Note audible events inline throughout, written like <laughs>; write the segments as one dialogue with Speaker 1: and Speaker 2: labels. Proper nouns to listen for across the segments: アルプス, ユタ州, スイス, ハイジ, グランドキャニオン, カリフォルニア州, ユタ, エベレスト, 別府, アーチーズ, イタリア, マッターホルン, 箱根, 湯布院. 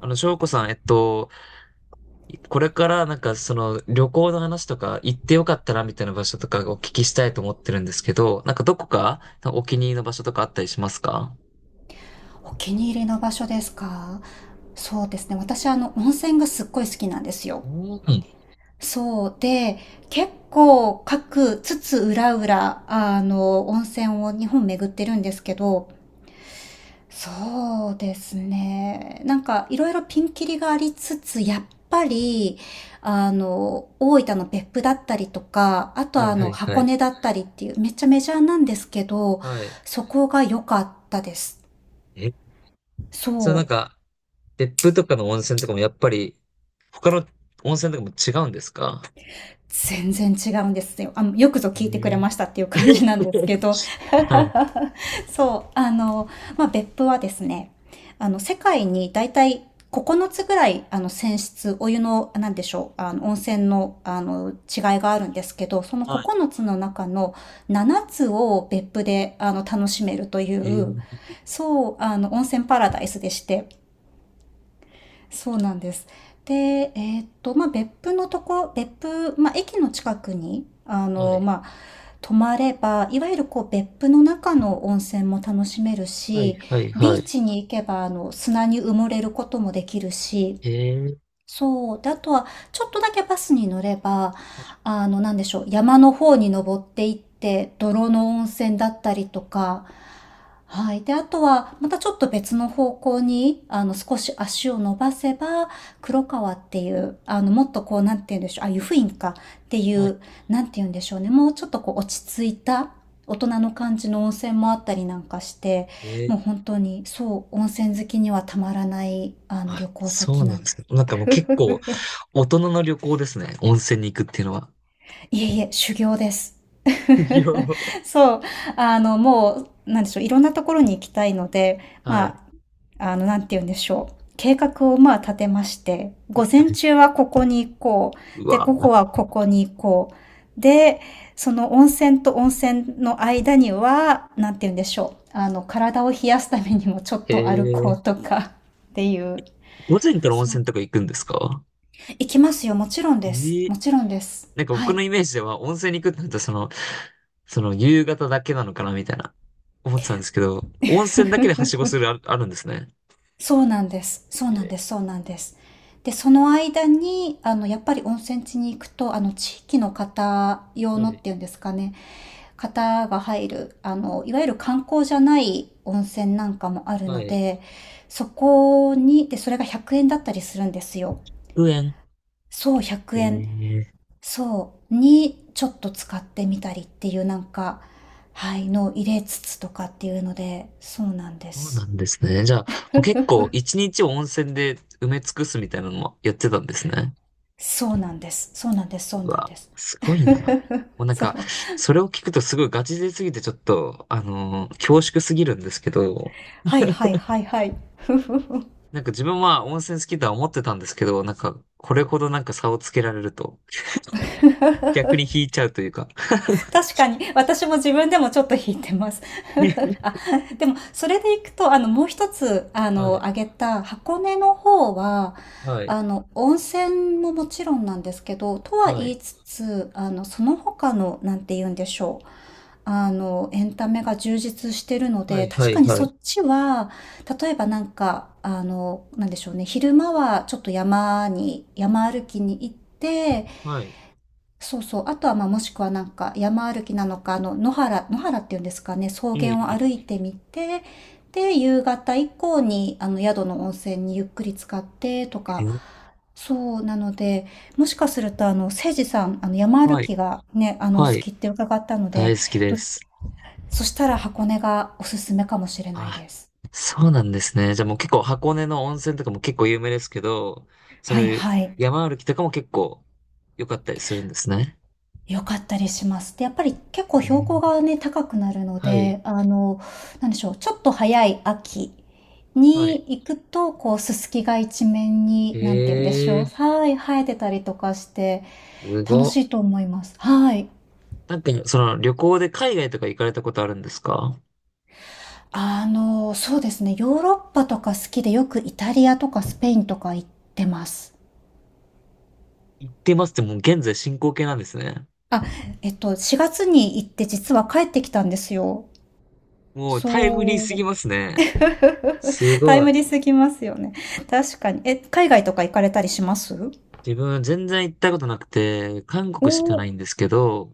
Speaker 1: 翔子さん、これからなんかその旅行の話とか行ってよかったなみたいな場所とかお聞きしたいと思ってるんですけど、なんかどこかお気に入りの場所とかあったりしますか？
Speaker 2: お気に入りの場所ですか？そうですね。私、温泉がすっごい好きなんですよ。
Speaker 1: うん。
Speaker 2: そうで、結構各つつ裏裏、温泉を日本巡ってるんですけど、そうですね。なんか、いろいろピンキリがありつつ、やっぱり、大分の別府だったりとか、あと
Speaker 1: は
Speaker 2: は
Speaker 1: いはいは
Speaker 2: 箱
Speaker 1: い。
Speaker 2: 根だったりっていう、めっちゃメジャーなんですけど、
Speaker 1: はい。
Speaker 2: そこが良かったです。
Speaker 1: え、それなん
Speaker 2: そう。
Speaker 1: か、別府とかの温泉とかもやっぱり他の温泉とかも違うんですか？
Speaker 2: 全然違うんですよ。よくぞ聞いてくれ
Speaker 1: え
Speaker 2: ましたっていう
Speaker 1: ー
Speaker 2: 感じなんです
Speaker 1: <laughs>
Speaker 2: けど、
Speaker 1: はい
Speaker 2: <laughs> そう、まあ、別府はですね、世界に大体9つぐらい、泉質、お湯の、なんでしょう、温泉の、違いがあるんですけど、その
Speaker 1: は
Speaker 2: 9つの中の7つを別府で、楽しめるとい
Speaker 1: い。え
Speaker 2: う、
Speaker 1: ー
Speaker 2: そう、温泉パラダイスでして、そうなんです。で、まあ、別府、まあ、駅の近くに、
Speaker 1: はい。
Speaker 2: まあ、泊まれば、いわゆるこう、別府の中の温泉も楽しめる
Speaker 1: はい
Speaker 2: し、
Speaker 1: はい
Speaker 2: ビ
Speaker 1: は
Speaker 2: ー
Speaker 1: い。
Speaker 2: チに行けば、砂に埋もれることもできるし、
Speaker 1: えー
Speaker 2: そう。で、あとは、ちょっとだけバスに乗れば、なんでしょう、山の方に登っていって、泥の温泉だったりとか、はい。で、あとは、またちょっと別の方向に、少し足を伸ばせば、黒川っていう、もっとこう、なんて言うんでしょう、あ、湯布院かってい
Speaker 1: はい。
Speaker 2: う、なんて言うんでしょうね、もうちょっとこう、落ち着いた、大人の感じの温泉もあったりなんかして、
Speaker 1: え
Speaker 2: もう
Speaker 1: ー
Speaker 2: 本当に、そう、温泉好きにはたまらない、
Speaker 1: あ、
Speaker 2: 旅行
Speaker 1: そ
Speaker 2: 先
Speaker 1: うな
Speaker 2: な
Speaker 1: ん
Speaker 2: ん。
Speaker 1: ですね。なんかもう結構大人の旅行ですね。温泉に行くっていうのは。
Speaker 2: いえいえ、修行です。
Speaker 1: <laughs> いや、はい。
Speaker 2: <laughs> そう、もう、なんでしょう、いろんなところに行きたいので、まあ、なんて言うんでしょう。計画をまあ立てまして、午前中はここに行こ
Speaker 1: う
Speaker 2: う。で、午後
Speaker 1: わ
Speaker 2: はここに行こう。で、その温泉と温泉の間には、なんて言うんでしょう。体を冷やすためにもちょっ
Speaker 1: へ
Speaker 2: と歩こう
Speaker 1: え。
Speaker 2: とかっていう。
Speaker 1: 午前から温
Speaker 2: そう。
Speaker 1: 泉とか行くんですか？
Speaker 2: 行きますよ。もちろんです。
Speaker 1: ええ
Speaker 2: もちろんです。
Speaker 1: なんか
Speaker 2: は
Speaker 1: 僕
Speaker 2: い。
Speaker 1: のイメージでは温泉に行くってなるとその、夕方だけなのかなみたいな思ってたんですけど、温泉だけではしごするあるんですね。
Speaker 2: そうなんです。そうなん
Speaker 1: え
Speaker 2: です。そうなんです。で、その間に、やっぱり温泉地に行くと、地域の方
Speaker 1: ー
Speaker 2: 用
Speaker 1: は
Speaker 2: のっ
Speaker 1: い、
Speaker 2: ていうんですかね、方が入る、いわゆる観光じゃない温泉なんかもある
Speaker 1: は
Speaker 2: の
Speaker 1: い。
Speaker 2: で、そこに、で、それが100円だったりするんですよ。
Speaker 1: うえん。
Speaker 2: そう、
Speaker 1: え
Speaker 2: 100円。
Speaker 1: ー、
Speaker 2: そう、に、ちょっと使ってみたりっていうなんか、はい、のを入れつつとかっていうので、そうなんで
Speaker 1: そうな
Speaker 2: す。
Speaker 1: んですね。じゃあ、もう結構一日を温泉で埋め尽くすみたいなのもやってたんですね。
Speaker 2: そうなんです。そうなんです。そう
Speaker 1: う
Speaker 2: なん
Speaker 1: わ、
Speaker 2: です。
Speaker 1: すごい
Speaker 2: <laughs>
Speaker 1: な。もうなん
Speaker 2: そ
Speaker 1: か、
Speaker 2: う。
Speaker 1: それを聞くとすごいガチ勢すぎてちょっと、恐縮すぎるんですけど、
Speaker 2: はいはいはいはい。<laughs> ふふふ。
Speaker 1: なんか自分は温泉好きとは思ってたんですけど、なんか、これほどなんか差をつけられると、逆に引いちゃうというか。
Speaker 2: 確かに、私も自分でもちょっと引いてます。<laughs> あ、
Speaker 1: <laughs>
Speaker 2: でも、それでいくと、もう一つ、
Speaker 1: はい、
Speaker 2: 挙げた箱根の方は、
Speaker 1: はい、
Speaker 2: 温泉ももちろんなんですけど、とは
Speaker 1: は
Speaker 2: 言
Speaker 1: い、
Speaker 2: いつつ、その他の、なんて言うんでしょう。エンタメが充実してるの
Speaker 1: は
Speaker 2: で、
Speaker 1: い、は
Speaker 2: 確か
Speaker 1: い、
Speaker 2: に
Speaker 1: は
Speaker 2: そ
Speaker 1: い。
Speaker 2: っちは、例えばなんか、なんでしょうね、昼間はちょっと山歩きに行って、
Speaker 1: はい。
Speaker 2: そうそう、あとはまあもしくはなんか山歩きなのか、野原っていうんですかね、草
Speaker 1: うん、う
Speaker 2: 原を歩
Speaker 1: ん。
Speaker 2: いてみて、で、夕方以降に、宿の温泉にゆっくり浸かってとか、
Speaker 1: え
Speaker 2: そうなので、もしかすると、せいじさん、山歩
Speaker 1: はい、
Speaker 2: きがね、お好
Speaker 1: はい。
Speaker 2: きって伺ったの
Speaker 1: 大
Speaker 2: で、
Speaker 1: 好きで
Speaker 2: ど
Speaker 1: す。
Speaker 2: そしたら箱根がおすすめかもしれない
Speaker 1: あ、
Speaker 2: です。
Speaker 1: そうなんですね。じゃあもう結構箱根の温泉とかも結構有名ですけど、その
Speaker 2: はいはい。
Speaker 1: 山歩きとかも結構良かったりするんですね。
Speaker 2: 良かったりします。で、やっぱり結
Speaker 1: え
Speaker 2: 構標高
Speaker 1: ー
Speaker 2: がね、高くなるの
Speaker 1: はい、
Speaker 2: で、なんでしょう、ちょっと早い秋
Speaker 1: は
Speaker 2: に
Speaker 1: い。
Speaker 2: 行くと、こう、ススキが一面に、なんて言うんでしょう、
Speaker 1: ええ
Speaker 2: はい、生えてたりとかして、
Speaker 1: す
Speaker 2: 楽
Speaker 1: ご
Speaker 2: しい
Speaker 1: っ。
Speaker 2: と思います。はい。
Speaker 1: なんか、その旅行で海外とか行かれたことあるんですか？
Speaker 2: そうですね、ヨーロッパとか好きで、よくイタリアとかスペインとか行ってます。
Speaker 1: 行ってますってもう現在進行形なんですね。
Speaker 2: あ、4月に行って実は帰ってきたんですよ。
Speaker 1: もうタイムリーす
Speaker 2: そう。
Speaker 1: ぎますね。す
Speaker 2: <laughs> タイ
Speaker 1: ご
Speaker 2: ム
Speaker 1: い。
Speaker 2: リーすぎますよね。確かに。え、海外とか行かれたりします？
Speaker 1: 自分全然行ったことなくて、韓
Speaker 2: お
Speaker 1: 国しかな
Speaker 2: お
Speaker 1: いん
Speaker 2: ー、
Speaker 1: ですけど、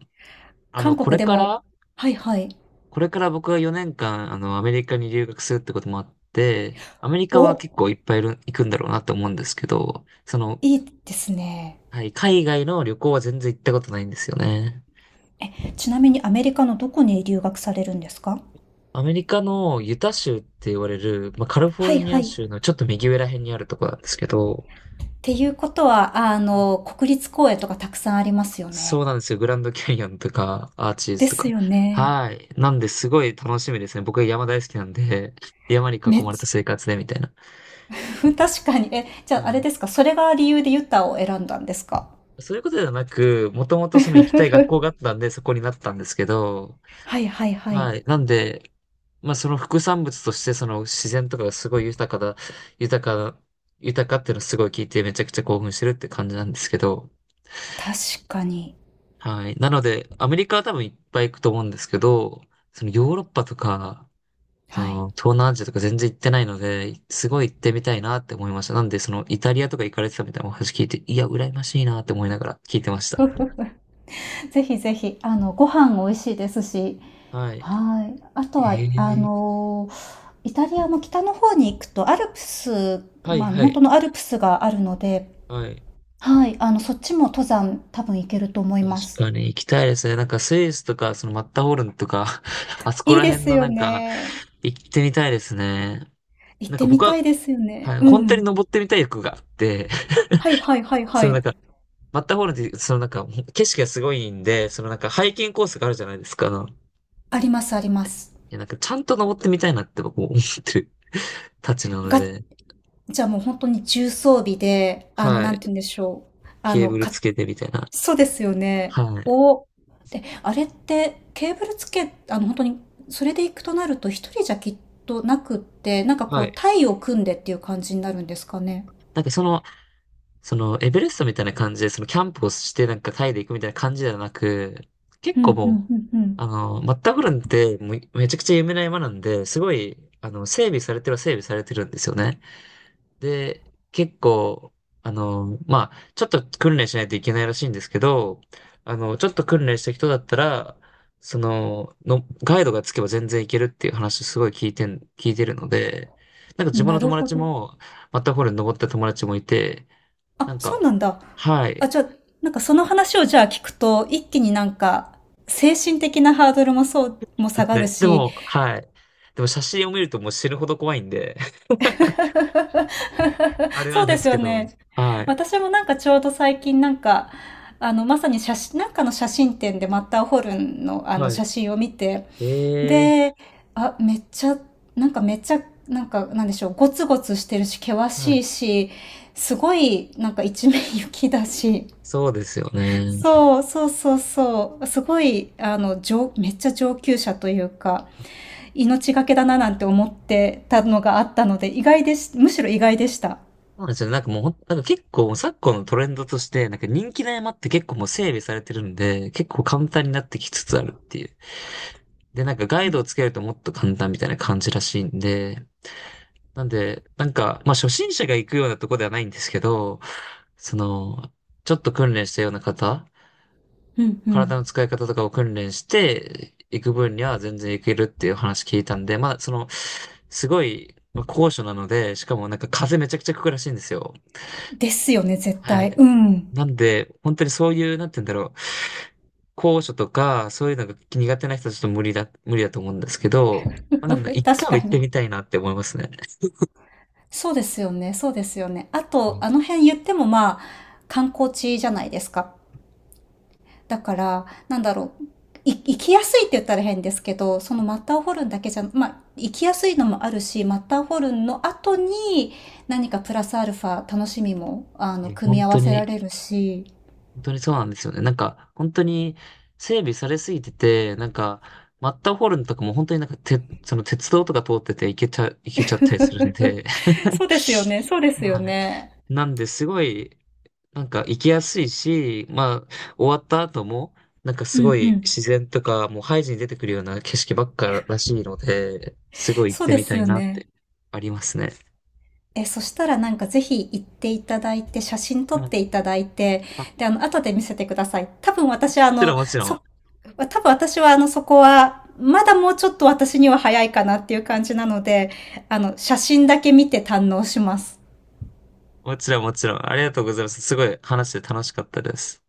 Speaker 1: あの、
Speaker 2: 韓
Speaker 1: こ
Speaker 2: 国
Speaker 1: れ
Speaker 2: で
Speaker 1: か
Speaker 2: も、
Speaker 1: ら
Speaker 2: はいはい。
Speaker 1: これから僕は4年間、アメリカに留学するってこともあって、アメリカ
Speaker 2: お、
Speaker 1: は結構いっぱい行くんだろうなと思うんですけど、その、
Speaker 2: いいですね。
Speaker 1: はい、海外の旅行は全然行ったことないんですよね。
Speaker 2: ちなみにアメリカのどこに留学されるんですか？
Speaker 1: アメリカのユタ州って言われる、まあ、カリフォ
Speaker 2: は
Speaker 1: ル
Speaker 2: い
Speaker 1: ニ
Speaker 2: は
Speaker 1: ア
Speaker 2: い。っ
Speaker 1: 州のちょっと右上ら辺にあるとこなんですけど、
Speaker 2: ていうことは、国立公園とかたくさんありますよ
Speaker 1: そ
Speaker 2: ね。
Speaker 1: うなんですよ。グランドキャニオンとか、アーチー
Speaker 2: で
Speaker 1: ズと
Speaker 2: す
Speaker 1: か。
Speaker 2: よね。
Speaker 1: はい。なんで、すごい楽しみですね。僕は山大好きなんで、山に囲
Speaker 2: めっ
Speaker 1: まれた
Speaker 2: ち
Speaker 1: 生活でみたいな。
Speaker 2: ゃ、<laughs> 確かに。え、じゃ
Speaker 1: は
Speaker 2: ああれ
Speaker 1: い
Speaker 2: ですか、それが理由でユタを選んだんですか？ <laughs>
Speaker 1: そういうことではなく、もともとその行きたい学校があったんで、そこになったんですけど、
Speaker 2: はいはいはい。
Speaker 1: はい。なんで、まあその副産物として、その自然とかがすごい豊かだ、豊か、豊かっていうのをすごい聞いてめちゃくちゃ興奮してるって感じなんですけど、
Speaker 2: 確かに。
Speaker 1: はい。なので、アメリカは多分いっぱい行くと思うんですけど、そのヨーロッパとか、そ
Speaker 2: はい。
Speaker 1: の東南アジアとか全然行ってないので、すごい行ってみたいなって思いました。なんで、そのイタリアとか行かれてたみたいなお話聞いて、いや、羨ましいなって思いながら聞いてました。
Speaker 2: <laughs> ぜひぜひ、ご飯美味しいですし、
Speaker 1: は
Speaker 2: はい。あとは、
Speaker 1: い。ええ
Speaker 2: イタリアも北の方に行くとアルプス、
Speaker 1: はい
Speaker 2: まあ、
Speaker 1: は
Speaker 2: 本
Speaker 1: い。
Speaker 2: 当のアルプスがあるので、
Speaker 1: はい。
Speaker 2: はい、そっちも登山多分行けると思い
Speaker 1: 確
Speaker 2: ます。
Speaker 1: かに行きたいですね。なんかスイスとか、そのマッターホルンとか、<laughs> あそこ
Speaker 2: いい
Speaker 1: ら
Speaker 2: で
Speaker 1: 辺
Speaker 2: す
Speaker 1: の
Speaker 2: よ
Speaker 1: なんか、
Speaker 2: ね。
Speaker 1: 行ってみたいですね。
Speaker 2: 行っ
Speaker 1: なんか
Speaker 2: てみ
Speaker 1: 僕は、
Speaker 2: たいですよね。
Speaker 1: はい、
Speaker 2: う
Speaker 1: 本当に
Speaker 2: ん。
Speaker 1: 登ってみたい欲があって、<laughs>
Speaker 2: はいはいはい
Speaker 1: そ
Speaker 2: は
Speaker 1: のなん
Speaker 2: い。
Speaker 1: か、マッターホルンって、そのなんか、景色がすごいんで、そのなんか、ハイキングコースがあるじゃないですか。い
Speaker 2: ありますあります。
Speaker 1: や、なんか、ちゃんと登ってみたいなって僕も思ってるたちなの
Speaker 2: が、
Speaker 1: で、
Speaker 2: じゃあもう本当に重装備で、
Speaker 1: は
Speaker 2: なん
Speaker 1: い。
Speaker 2: て言うんでしょう。
Speaker 1: ケーブルつけてみたいな。
Speaker 2: そうですよね。
Speaker 1: はい。
Speaker 2: お、で、あれってケーブルつけ、本当にそれで行くとなると一人じゃきっとなくって、なんかこ
Speaker 1: は
Speaker 2: う
Speaker 1: い。
Speaker 2: 隊を組んでっていう感じになるんですかね？
Speaker 1: なんかその、エベレストみたいな感じで、その、キャンプをして、なんか、タイで行くみたいな感じではなく、
Speaker 2: う
Speaker 1: 結構
Speaker 2: んう
Speaker 1: もう、
Speaker 2: んうん
Speaker 1: マッターホルンって、もう、めちゃくちゃ有名な山なんで、すごい、整備されてるは整備されてるんですよね。で、結構、まあ、ちょっと訓練しないといけないらしいんですけど、ちょっと訓練した人だったら、その、ガイドがつけば全然いけるっていう話すごい聞いてるので、なんか
Speaker 2: う
Speaker 1: 自
Speaker 2: ん。
Speaker 1: 分の
Speaker 2: なる
Speaker 1: 友
Speaker 2: ほ
Speaker 1: 達
Speaker 2: ど。
Speaker 1: も、マッターホルン登った友達もいて、な
Speaker 2: あ、
Speaker 1: ん
Speaker 2: そ
Speaker 1: か、
Speaker 2: うなんだ。
Speaker 1: は
Speaker 2: あ、
Speaker 1: い。
Speaker 2: じゃあ、なんかその話をじゃあ聞くと、一気になんか精神的なハードルもそう、も
Speaker 1: で
Speaker 2: 下
Speaker 1: す
Speaker 2: がる
Speaker 1: ね。で
Speaker 2: し、
Speaker 1: も、はい。でも写真を見るともう死ぬほど怖いんで、<laughs> あれ
Speaker 2: <laughs> そ
Speaker 1: な
Speaker 2: う
Speaker 1: んで
Speaker 2: で
Speaker 1: す
Speaker 2: すよ
Speaker 1: けど、
Speaker 2: ね。
Speaker 1: はい。
Speaker 2: 私もなんかちょうど最近なんか、まさに写真、なんかの写真展でマッターホルンのあの
Speaker 1: は
Speaker 2: 写真を見て、
Speaker 1: い。ええ
Speaker 2: で、あ、めっちゃ、なんかめっちゃ、なんか、なんでしょう、ゴツゴツしてるし、険
Speaker 1: は
Speaker 2: し
Speaker 1: い。
Speaker 2: いし、すごい、なんか一面雪だし、
Speaker 1: そうですよね。
Speaker 2: そう、そうそうそう。すごい、めっちゃ上級者というか、命がけだななんて思ってたのがあったので、意外でし、むしろ意外でした。
Speaker 1: そうなんですよね。なんかもうなんか結構昨今のトレンドとして、なんか人気の山って結構もう整備されてるんで、結構簡単になってきつつあるっていう。で、なんかガイドをつけるともっと簡単みたいな感じらしいんで、なんで、なんか、まあ初心者が行くようなとこではないんですけど、その、ちょっと訓練したような方
Speaker 2: うんう
Speaker 1: 体
Speaker 2: ん。
Speaker 1: の使い方とかを訓練していく分には全然いけるっていう話聞いたんで、まあ、その、すごい、まあ、高所なので、しかもなんか風めちゃくちゃ吹くらしいんですよ。
Speaker 2: ですよね、絶
Speaker 1: は
Speaker 2: 対。
Speaker 1: い。
Speaker 2: うん。
Speaker 1: なんで、本当にそういう、なんて言うんだろう。高所とか、そういうのが苦手な人はちょっと無理だ、無理だと思うんですけど、まあ、なんか
Speaker 2: <laughs>
Speaker 1: 一回
Speaker 2: 確
Speaker 1: は
Speaker 2: か
Speaker 1: 行って
Speaker 2: に。
Speaker 1: みたいなって思いますね。
Speaker 2: そうですよね、そうですよね。あ
Speaker 1: う
Speaker 2: と、
Speaker 1: ん
Speaker 2: あの辺言ってもまあ、観光地じゃないですか。だから、なんだろう。生きやすいって言ったら変ですけど、そのマッターホルンだけじゃ、まあ、生きやすいのもあるし、マッターホルンの後に何かプラスアルファ楽しみも、
Speaker 1: いや
Speaker 2: 組み
Speaker 1: 本
Speaker 2: 合
Speaker 1: 当
Speaker 2: わせら
Speaker 1: に
Speaker 2: れるし。
Speaker 1: 本当にそうなんですよね。なんか、本当に整備されすぎてて、なんか、マッターホルンとかも本当になんか、その鉄道とか通ってて行けちゃったりするんで。
Speaker 2: <laughs>
Speaker 1: <laughs>
Speaker 2: そうですよね、そうですよ
Speaker 1: はい。
Speaker 2: ね。
Speaker 1: なんで、すごい、なんか行きやすいし、まあ、終わった後も、なんか
Speaker 2: う
Speaker 1: すご
Speaker 2: んう
Speaker 1: い
Speaker 2: ん。
Speaker 1: 自然とか、もうハイジに出てくるような景色ばっからしいので、すごい行っ
Speaker 2: そう
Speaker 1: て
Speaker 2: で
Speaker 1: み
Speaker 2: す
Speaker 1: たい
Speaker 2: よ
Speaker 1: なっ
Speaker 2: ね。
Speaker 1: てありますね。
Speaker 2: え、そしたらなんかぜひ行っていただいて、写真撮っ
Speaker 1: はい。
Speaker 2: ていただいて、
Speaker 1: あも
Speaker 2: で、後で見せてください。
Speaker 1: ちろん、もちろん。
Speaker 2: 多分私はそこは、まだもうちょっと私には早いかなっていう感じなので、写真だけ見て堪能します。
Speaker 1: もちろん、もちろん。ありがとうございます。すごい話して楽しかったです。